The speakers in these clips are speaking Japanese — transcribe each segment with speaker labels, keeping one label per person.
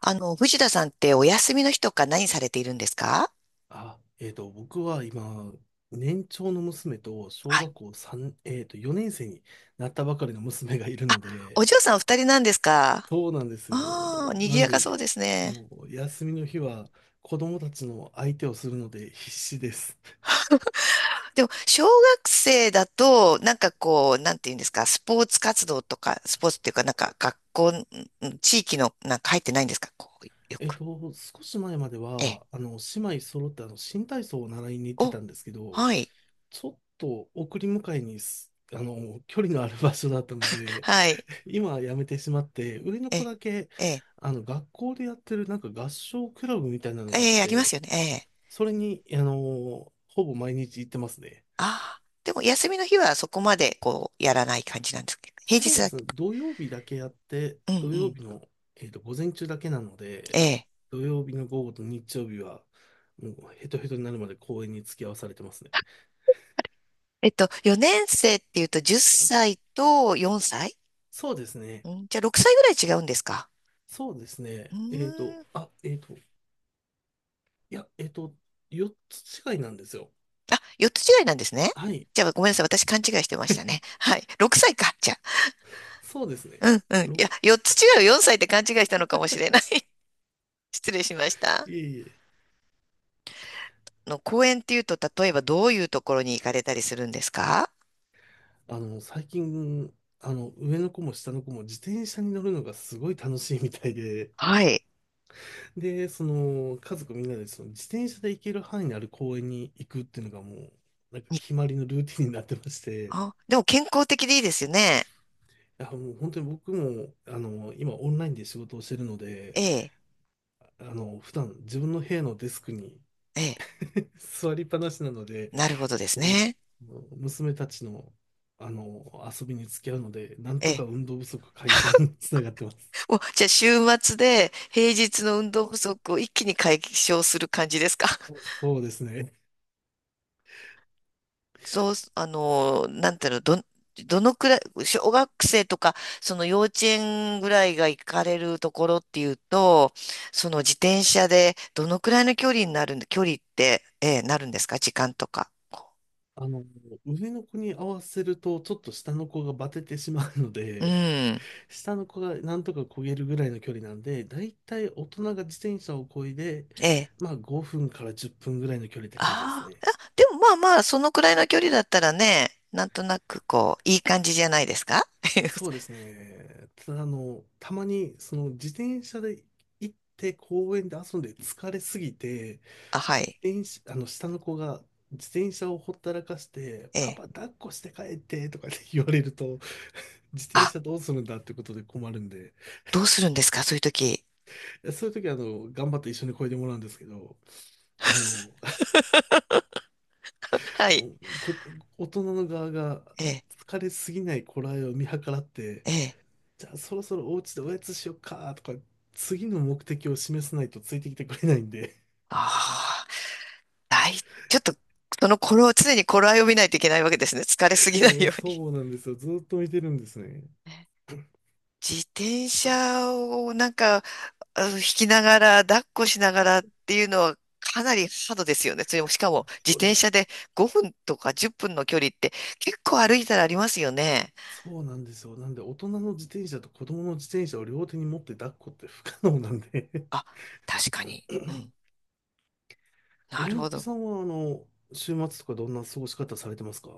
Speaker 1: 藤田さんってお休みの日とか何されているんですか？
Speaker 2: あ、僕は今、年長の娘と小
Speaker 1: はい。
Speaker 2: 学校3、えっと、4年生になったばかりの娘がいるので。
Speaker 1: お嬢さんお二人なんですか？
Speaker 2: そうなんです
Speaker 1: ああ
Speaker 2: よ。
Speaker 1: ー、賑
Speaker 2: なん
Speaker 1: やかそう
Speaker 2: で、
Speaker 1: ですね。
Speaker 2: もう休みの日は子供たちの相手をするので必死です。
Speaker 1: でも、小学生だと、なんかこう、なんていうんですか、スポーツ活動とか、スポーツっていうか、学校、地域の、なんか入ってないんですかよく。
Speaker 2: 少し前まで
Speaker 1: ええ。
Speaker 2: は、姉妹揃って新体操を習いに行って
Speaker 1: お、
Speaker 2: たんですけど、
Speaker 1: はい。
Speaker 2: ちょっと送り迎えにす、あの、距離のある場所だったので、
Speaker 1: はい。
Speaker 2: 今辞めてしまって、上の
Speaker 1: え
Speaker 2: 子
Speaker 1: え。
Speaker 2: だけ、
Speaker 1: ええ。
Speaker 2: 学校でやってるなんか合唱クラブみたいなのがあっ
Speaker 1: ええ、ありま
Speaker 2: て、
Speaker 1: すよね。ええ。
Speaker 2: それに、ほぼ毎日行ってますね。
Speaker 1: ああ。でも、休みの日はそこまで、やらない感じなんですけど。平
Speaker 2: そ
Speaker 1: 日
Speaker 2: うで
Speaker 1: だ
Speaker 2: す
Speaker 1: け。
Speaker 2: ね、土曜日だけやって、
Speaker 1: うん
Speaker 2: 土
Speaker 1: う
Speaker 2: 曜
Speaker 1: ん。
Speaker 2: 日の、午前中だけなの
Speaker 1: え
Speaker 2: で、
Speaker 1: え。
Speaker 2: 土曜日の午後と日曜日は、もうヘトヘトになるまで公園に付き合わされてますね。
Speaker 1: 4年生っていうと10歳と4歳？
Speaker 2: そうですね、
Speaker 1: うん、じゃあ6歳ぐらい違うんですか？
Speaker 2: そうです
Speaker 1: う
Speaker 2: ね、
Speaker 1: ーん。
Speaker 2: あ、いや、4つ違いなんですよ。
Speaker 1: あ、4つ違いなんですね。
Speaker 2: はい、
Speaker 1: じゃあごめんなさい。私勘違いしてましたね。はい。6歳か。じゃあ。
Speaker 2: そうですね。
Speaker 1: うんうん。い
Speaker 2: ろ
Speaker 1: や、4つ違う、4歳って勘違いしたのかもしれない。失礼しました。
Speaker 2: いえいえ。
Speaker 1: 公園っていうと、例えばどういうところに行かれたりするんですか？
Speaker 2: 最近、上の子も下の子も自転車に乗るのがすごい楽しいみたいで、
Speaker 1: はい。
Speaker 2: で、家族みんなでその自転車で行ける範囲のある公園に行くっていうのがもう、なんか
Speaker 1: に
Speaker 2: 決まりのルーティンになってまして、
Speaker 1: あ、でも健康的でいいですよね。
Speaker 2: いや、もう本当に僕も、今オンラインで仕事をしてるので、
Speaker 1: ええ。
Speaker 2: 普段自分の部屋のデスクに
Speaker 1: ええ。
Speaker 2: 座りっぱなしなので、
Speaker 1: なるほどです
Speaker 2: も
Speaker 1: ね。
Speaker 2: う娘たちの、遊びに付き合うので、なん
Speaker 1: え
Speaker 2: と
Speaker 1: え。
Speaker 2: か運動不足解消につながってます。
Speaker 1: お、じゃあ週末で平日の運動不足を一気に解消する感じですか？
Speaker 2: そうですね。
Speaker 1: そう、あの、なんていうの、ど、どのくらい、小学生とか、その幼稚園ぐらいが行かれるところっていうと、その自転車でどのくらいの距離になるんで、距離って、なるんですか、時間とか。
Speaker 2: あの、上の子に合わせると、ちょっと下の子がバテてしまうの
Speaker 1: う
Speaker 2: で、
Speaker 1: ん。
Speaker 2: 下の子がなんとか漕げるぐらいの距離なんで、だいたい大人が自転車を漕いで、
Speaker 1: ええ。
Speaker 2: まあ5分から10分ぐらいの距離って感じです
Speaker 1: あ
Speaker 2: ね。
Speaker 1: ーあ、でもまあまあ、そのくらいの距離だったらね、なんとなくこう、いい感じじゃないですか。
Speaker 2: そうですね。ただ、たまに、その自転車で行って公園で遊んで疲れすぎて、
Speaker 1: あ、はい。
Speaker 2: 自転車、あの、下の子が自転車をほったらかして、
Speaker 1: え
Speaker 2: パパ
Speaker 1: え。
Speaker 2: 抱っこして帰ってとかって言われると、自転車どうするんだってことで困るんで、
Speaker 1: どうするんですか、そういう時。
Speaker 2: そういう時は頑張って一緒に漕いでもらうんですけど、あの、
Speaker 1: は い。
Speaker 2: こ大人の側が
Speaker 1: ええ、
Speaker 2: 疲れすぎない頃合いを見計らって、
Speaker 1: ええ。
Speaker 2: じゃあそろそろお家でおやつしよっかとか、次の目的を示さないとついてきてくれないんで。
Speaker 1: ああ、大ちょっと、その頃を、常に頃合いを見ないといけないわけですね。疲れす ぎ
Speaker 2: で
Speaker 1: ない
Speaker 2: も
Speaker 1: ように。
Speaker 2: そうなんですよ。ずっと見てるんですね。
Speaker 1: ね、自転車をなんか、引きながら、抱っこしながらっていうのはかなりハードですよね。それも、しかも自
Speaker 2: そ
Speaker 1: 転
Speaker 2: う、
Speaker 1: 車で5分とか10分の距離って結構歩いたらありますよね。
Speaker 2: そうなんですよ。なんで大人の自転車と子供の自転車を両手に持って抱っこって不可能なんで。
Speaker 1: あ、確かに。うん。
Speaker 2: 大
Speaker 1: なるほ
Speaker 2: 貫
Speaker 1: ど。
Speaker 2: さんは、週末とかどんな過ごし方されてますか？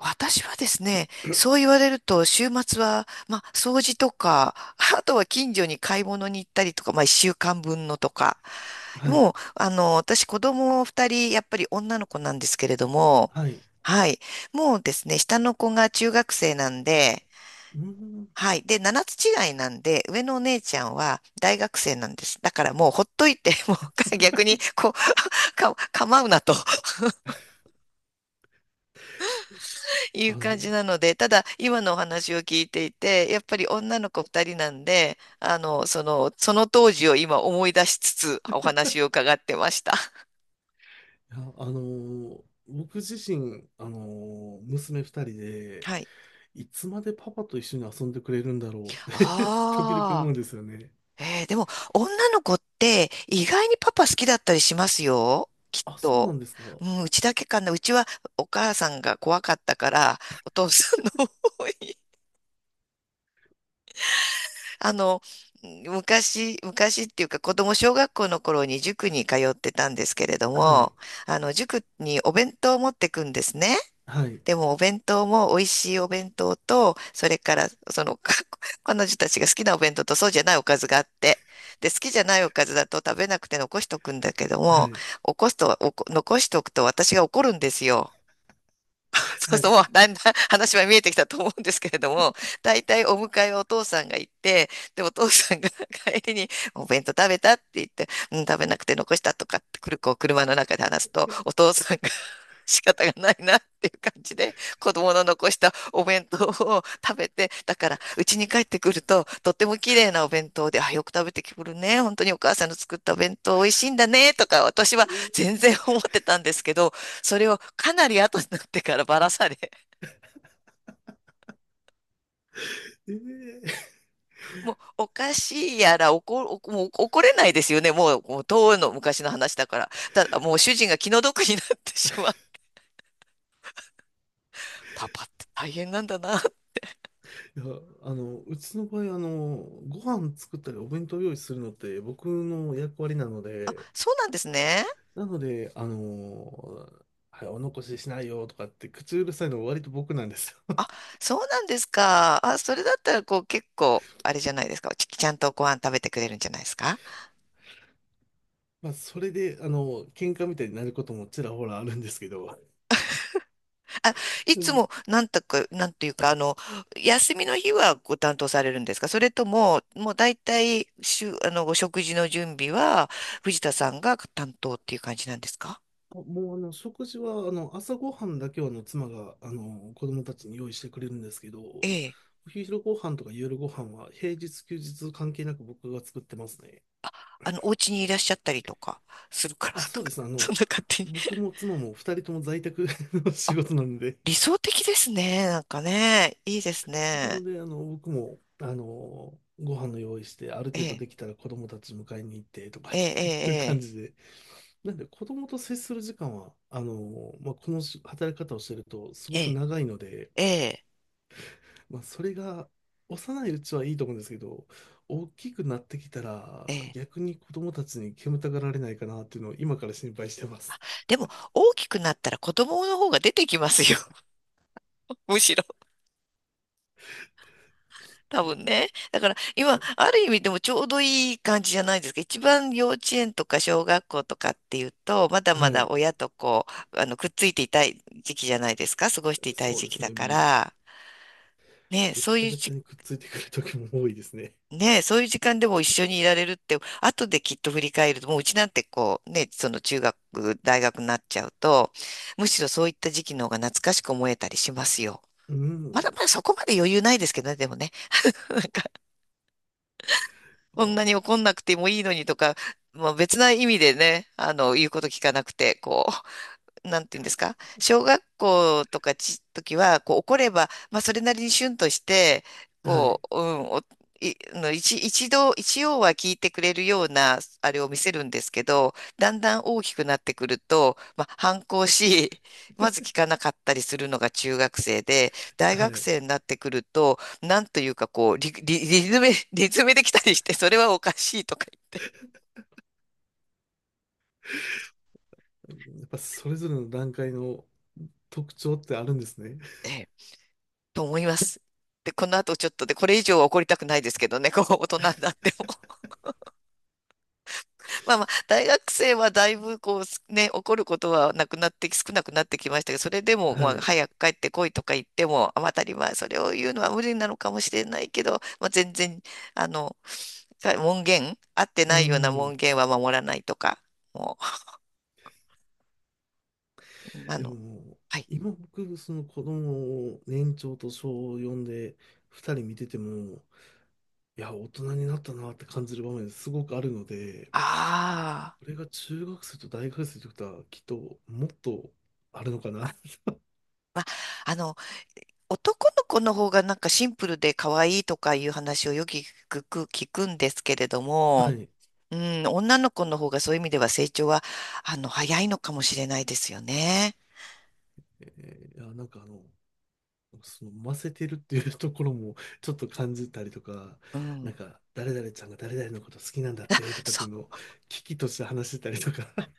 Speaker 1: 私はですね、そう言われると、週末は、まあ、掃除とか、あとは近所に買い物に行ったりとか、まあ、一週間分のとか。
Speaker 2: は
Speaker 1: も
Speaker 2: い。
Speaker 1: う、私、子供二人、やっぱり女の子なんですけれども、
Speaker 2: はい。
Speaker 1: はい。もうですね、下の子が中学生なんで、
Speaker 2: うーん。
Speaker 1: はい。で、7つ違いなんで、上のお姉ちゃんは大学生なんです。だからもうほっといて、もう逆に、構うなと。いう
Speaker 2: あ
Speaker 1: 感
Speaker 2: の、
Speaker 1: じなので、ただ今のお話を聞いていて、やっぱり女の子2人なんで、その当時を今思い出しつつお話を伺ってました。
Speaker 2: いや、僕自身、娘二人で、
Speaker 1: はい。
Speaker 2: いつまでパパと一緒に遊んでくれるんだろうって 時々思
Speaker 1: あ
Speaker 2: う
Speaker 1: あ、
Speaker 2: んですよね。
Speaker 1: えーでも女の子って意外にパパ好きだったりしますよ、きっ
Speaker 2: あ、そうな
Speaker 1: と。
Speaker 2: んですか。
Speaker 1: うん、うちだけかな。うちはお母さんが怖かったから、お父さんの方あの、昔、昔っていうか子供小学校の頃に塾に通ってたんですけれど
Speaker 2: は
Speaker 1: も、
Speaker 2: い。
Speaker 1: 塾にお弁当を持ってくんですね。
Speaker 2: はい。
Speaker 1: でもお弁当も美味しいお弁当と、それからそのか 彼女たちが好きなお弁当とそうじゃないおかずがあって、で、好きじゃないおかずだと食べなくて残しとくんだけど
Speaker 2: は
Speaker 1: も、
Speaker 2: い。
Speaker 1: 起こすと、残しとくと私が怒るんですよ。そう
Speaker 2: は
Speaker 1: そう、
Speaker 2: い。
Speaker 1: もうだんだん話は見えてきたと思うんですけれども、大体お迎えはお父さんが行って、で、お父さんが 帰りに、お弁当食べたって言って、うん、食べなくて残したとかってくる、こう、車の中で話すと、お父さんが 仕方がないなっていう感じで、子供の残したお弁当を食べて、だから、うちに帰ってくると、とっても綺麗なお弁当で、あ、よく食べてくるね。本当にお母さんの作ったお弁当美味しいんだね、とか、私は全然思ってたんですけど、それをかなり後になってからばらされ、
Speaker 2: ええ、
Speaker 1: もうおかしいやらもう怒れないですよね。もう、もう遠いの昔の話だから。ただもう主人が気の毒になってしまう。パパって大変なんだな。
Speaker 2: いや、うちの場合、ご飯作ったりお弁当用意するのって僕の役割なの
Speaker 1: あ、
Speaker 2: で、
Speaker 1: そうなんですね。
Speaker 2: なので、はい、お残ししないよとかって口うるさいのは割と僕なんですよ。
Speaker 1: あ、そうなんですか。あ、それだったらこう結構、あれじゃないですか。ちゃんとご飯食べてくれるんじゃないですか。
Speaker 2: まあ、それで、喧嘩みたいになることもちらほらあるんですけど。
Speaker 1: あ、い
Speaker 2: う
Speaker 1: つ
Speaker 2: ん。
Speaker 1: も、なんとか、なんていうか、あの、休みの日はご担当されるんですか、それとも、もう大体、しゅ、あの、お食事の準備は、藤田さんが担当っていう感じなんですか？
Speaker 2: もう、食事は、朝ごはんだけは、妻が、子供たちに用意してくれるんですけど、
Speaker 1: え
Speaker 2: お
Speaker 1: え。
Speaker 2: 昼ご飯とか夜ご飯は、平日、休日関係なく僕が作ってますね。
Speaker 1: お家にいらっしゃったりとかするから
Speaker 2: あ、そ
Speaker 1: と
Speaker 2: うで
Speaker 1: か、
Speaker 2: す。
Speaker 1: そんな勝手に。
Speaker 2: 僕も妻も二人とも在宅の 仕事なので、
Speaker 1: 理想的ですね。なんかね、いいです
Speaker 2: な
Speaker 1: ね。
Speaker 2: ので、僕も、ご飯の用意して、ある
Speaker 1: え
Speaker 2: 程度
Speaker 1: え、
Speaker 2: できたら子供たち迎えに行ってとかっ
Speaker 1: え
Speaker 2: ていう感
Speaker 1: え、
Speaker 2: じで、なんで子供と接する時間は、まあ、この働き方をしてるとす
Speaker 1: え
Speaker 2: ごく
Speaker 1: え、
Speaker 2: 長いので、
Speaker 1: ええ、ええ、
Speaker 2: まあ、それが幼いうちはいいと思うんですけど、大きくなってきた
Speaker 1: え
Speaker 2: ら
Speaker 1: え。ええ、
Speaker 2: 逆に子供たちに煙たがられないかなっていうのを今から心配してます。
Speaker 1: でも、大きくなったら子供の方が出てきますよ。むしろ。多分ね。だから今、ある意味でもちょうどいい感じじゃないですか。一番幼稚園とか小学校とかっていうと、まだま
Speaker 2: は
Speaker 1: だ
Speaker 2: い、
Speaker 1: 親とくっついていたい時期じゃないですか。過ごしていたい
Speaker 2: そう
Speaker 1: 時
Speaker 2: で
Speaker 1: 期
Speaker 2: す
Speaker 1: だか
Speaker 2: ね。
Speaker 1: ら、ね、
Speaker 2: ベッ
Speaker 1: そう
Speaker 2: タ
Speaker 1: いう
Speaker 2: ベタ
Speaker 1: じ、
Speaker 2: にくっついてくる時も多いですね。
Speaker 1: ね、そういう時間でも一緒にいられるって、後できっと振り返ると、もううちなんてこう、ね、その中学、大学になっちゃうと、むしろそういった時期の方が懐かしく思えたりしますよ。
Speaker 2: う
Speaker 1: まだ
Speaker 2: ん。
Speaker 1: まだそこまで余裕ないですけどね、でもね。
Speaker 2: あ
Speaker 1: こん
Speaker 2: ー、
Speaker 1: なに怒んなくてもいいのにとか、まあ、別な意味でね、言うこと聞かなくて、こう。なんていうんですか、小学校とかち、時は、こう怒れば、まあそれなりにシュンとして、
Speaker 2: は
Speaker 1: こ
Speaker 2: い。
Speaker 1: う、うん、お、い、の一、一度、一応は聞いてくれるような、あれを見せるんですけど、だんだん大きくなってくると、まあ反抗し、まず聞かなかったりするのが中学生で、大
Speaker 2: は
Speaker 1: 学
Speaker 2: い。
Speaker 1: 生になってくると、なんというかリズムできたりして、それはおかしいとか言って。
Speaker 2: やっぱそれぞれの段階の特徴ってあるんですね。
Speaker 1: ええと思います。で、この後ちょっとで、これ以上は怒りたくないですけどね、こう、大人になっても。まあまあ、大学生はだいぶ、怒ることはなくなって、少なくなってきましたけど、それでも、
Speaker 2: は
Speaker 1: まあ、
Speaker 2: い。
Speaker 1: 早く帰ってこいとか言っても、当たり前、それを言うのは無理なのかもしれないけど、まあ、全然、あの、門限、合って
Speaker 2: う
Speaker 1: ないような
Speaker 2: ん。
Speaker 1: 門限は守らないとか、もう、あ
Speaker 2: で
Speaker 1: の、
Speaker 2: も、
Speaker 1: はい。
Speaker 2: 今僕、その子供を年長と小よんで二人見てても、いや、大人になったなって感じる場面すごくあるので、
Speaker 1: ああ。
Speaker 2: これが中学生と大学生ということは、きっともっとあるのかな。
Speaker 1: まああの男の子の方がなんかシンプルで可愛いとかいう話をよく聞く、聞くんですけれど
Speaker 2: は
Speaker 1: も、
Speaker 2: い。
Speaker 1: うん、女の子の方がそういう意味では成長は、早いのかもしれないですよね。
Speaker 2: いや、なんかそのませてるっていう ところもちょっと感じたりとか、
Speaker 1: う
Speaker 2: な
Speaker 1: ん。
Speaker 2: んか誰々ちゃんが誰々のこと好きなんだってとかっ
Speaker 1: そ
Speaker 2: ていうの
Speaker 1: う。
Speaker 2: を危機として話してたりとか、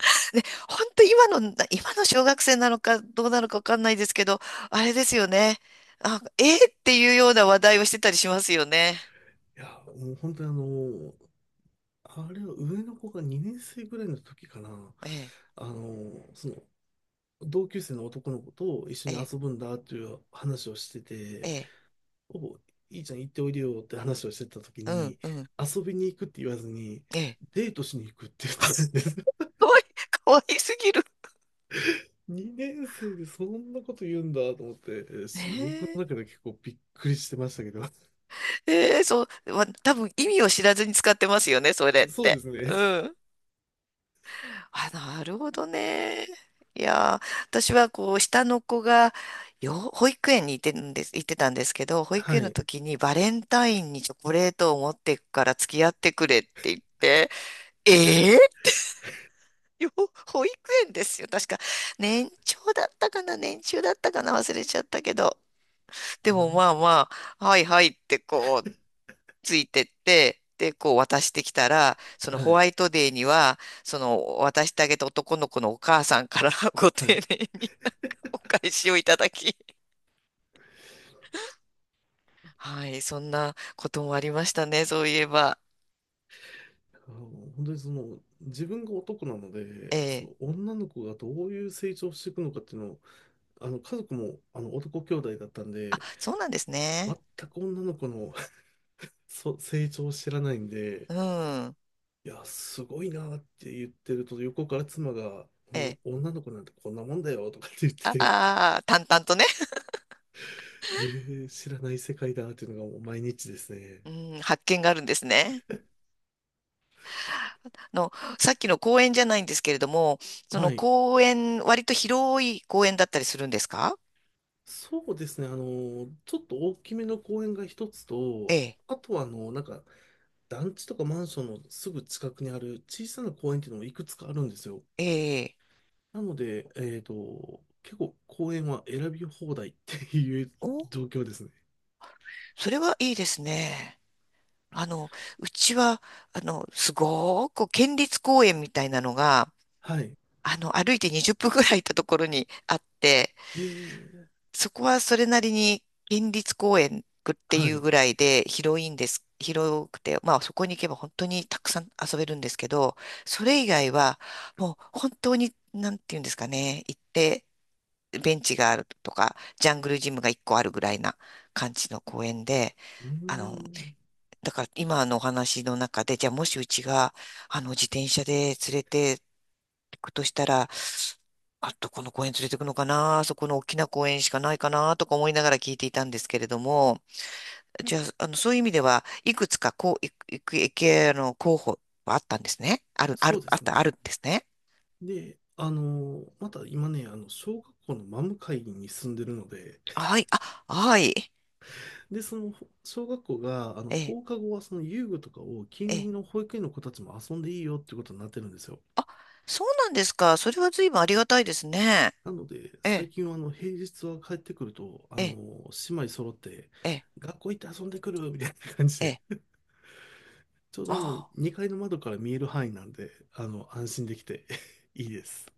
Speaker 1: で、本当今の、今の小学生なのかどうなのかわかんないですけど、あれですよね。あ、えーっていうような話題をしてたりしますよね。
Speaker 2: いや、もう本当にあれは上の子が2年生ぐらいの時かな、
Speaker 1: ええ、
Speaker 2: その同級生の男の子と一緒
Speaker 1: え
Speaker 2: に
Speaker 1: え、
Speaker 2: 遊ぶんだっていう話をして
Speaker 1: え
Speaker 2: て、
Speaker 1: え、
Speaker 2: お、いいちゃん行っておいでよって話をしてた時
Speaker 1: うん、
Speaker 2: に、
Speaker 1: うん、
Speaker 2: 遊びに行くって言わずに、
Speaker 1: ええ。
Speaker 2: デートしに行くって言ってたんです。
Speaker 1: かわいい、かわいすぎる。
Speaker 2: 2年生でそんなこと言うんだと思って、えー
Speaker 1: ね
Speaker 2: し僕の
Speaker 1: え
Speaker 2: 中で結構びっくりしてましたけど。
Speaker 1: ええ、そう、ま、多分意味を知らずに使ってますよね、それ っ
Speaker 2: そうで
Speaker 1: て。
Speaker 2: す
Speaker 1: う
Speaker 2: ね。
Speaker 1: ん。あ、なるほどね。いやー、私はこう、下の子が、保育園に行ってんです、行ってたんですけど、保育
Speaker 2: は
Speaker 1: 園の
Speaker 2: い。
Speaker 1: 時にバレンタインにチョコレートを持っていくから付き合ってくれって言って、ええ、よ、保育園ですよ。確か、年長だったかな、年中だったかな、忘れちゃったけど。で
Speaker 2: う
Speaker 1: も
Speaker 2: ん、
Speaker 1: まあまあ、はいはいってこう、ついてって、で、こう渡してきたら、その
Speaker 2: は
Speaker 1: ホワ
Speaker 2: い。
Speaker 1: イトデーには、その渡してあげた男の子のお母さんから ご
Speaker 2: は
Speaker 1: 丁
Speaker 2: い。
Speaker 1: 寧にお返しをいただき、はい、そんなこともありましたね、そういえば。
Speaker 2: あの、本当に自分が男なの
Speaker 1: え
Speaker 2: で、そ
Speaker 1: え。
Speaker 2: の女の子がどういう成長をしていくのかっていうのを、家族も男兄弟だったん
Speaker 1: あ、
Speaker 2: で、
Speaker 1: そうなんですね。
Speaker 2: 全く女の子の 成長を知らないんで、
Speaker 1: うん。
Speaker 2: いや、すごいなって言ってると、横から妻が、こ
Speaker 1: え
Speaker 2: の
Speaker 1: え。
Speaker 2: 女の子なんてこんなもんだよとかって言っ
Speaker 1: あ
Speaker 2: て
Speaker 1: あ、淡々とね。
Speaker 2: 知らない世界だっていうのがもう毎日ですね。
Speaker 1: うん、発見があるんですね。の、さっきの公園じゃないんですけれども、その
Speaker 2: はい。
Speaker 1: 公園、割と広い公園だったりするんですか？
Speaker 2: そうですね。ちょっと大きめの公園が一つ
Speaker 1: え
Speaker 2: と、
Speaker 1: え、
Speaker 2: あとはなんか、団地とかマンションのすぐ近くにある小さな公園っていうのもいくつかあるんですよ。
Speaker 1: ええ、
Speaker 2: なので、結構公園は選び放題っていう
Speaker 1: お、
Speaker 2: 状況ですね。
Speaker 1: それはいいですね。あの、うちは、すごーく県立公園みたいなのが、
Speaker 2: はい。
Speaker 1: 歩いて20分ぐらい行ったところにあって、
Speaker 2: えー、
Speaker 1: そこはそれなりに県立公園ってい
Speaker 2: はい。
Speaker 1: う
Speaker 2: う
Speaker 1: ぐらいで広いんです。広くて、まあそこに行けば本当にたくさん遊べるんですけど、それ以外は、もう本当に、なんていうんですかね、行って、ベンチがあるとか、ジャングルジムが1個あるぐらいな感じの公園で、
Speaker 2: ー
Speaker 1: あの、
Speaker 2: ん、
Speaker 1: だから今のお話の中で、じゃあもしうちが、自転車で連れて行くとしたら、あ、どこの公園連れて行くのかな、あそこの大きな公園しかないかな、とか思いながら聞いていたんですけれども、じゃあ、そういう意味では、いくつか、こう、いく、いく、いけ、あの、候補はあったんですね。ある、あ
Speaker 2: そ
Speaker 1: る、
Speaker 2: うで
Speaker 1: あっ
Speaker 2: す
Speaker 1: た、ある
Speaker 2: ね。
Speaker 1: んですね。
Speaker 2: で、また今ね、小学校の真向かいに住んでるので、
Speaker 1: はい、あ、はい。
Speaker 2: で、その小学校が、
Speaker 1: ええ、
Speaker 2: 放課後はその遊具とかを近
Speaker 1: ええ。
Speaker 2: 隣の保育園の子たちも遊んでいいよってことになってるんですよ。
Speaker 1: あ、そうなんですか。それは随分ありがたいですね。
Speaker 2: なので、
Speaker 1: え
Speaker 2: 最
Speaker 1: え、
Speaker 2: 近は平日は帰ってくると、
Speaker 1: ええ、
Speaker 2: 姉妹揃って、
Speaker 1: ええ、
Speaker 2: 学校行って遊んでくるみたいな感じ
Speaker 1: ええ。
Speaker 2: で、ちょう
Speaker 1: あ
Speaker 2: ど
Speaker 1: あ。
Speaker 2: 2階の窓から見える範囲なんで、安心できて いいです。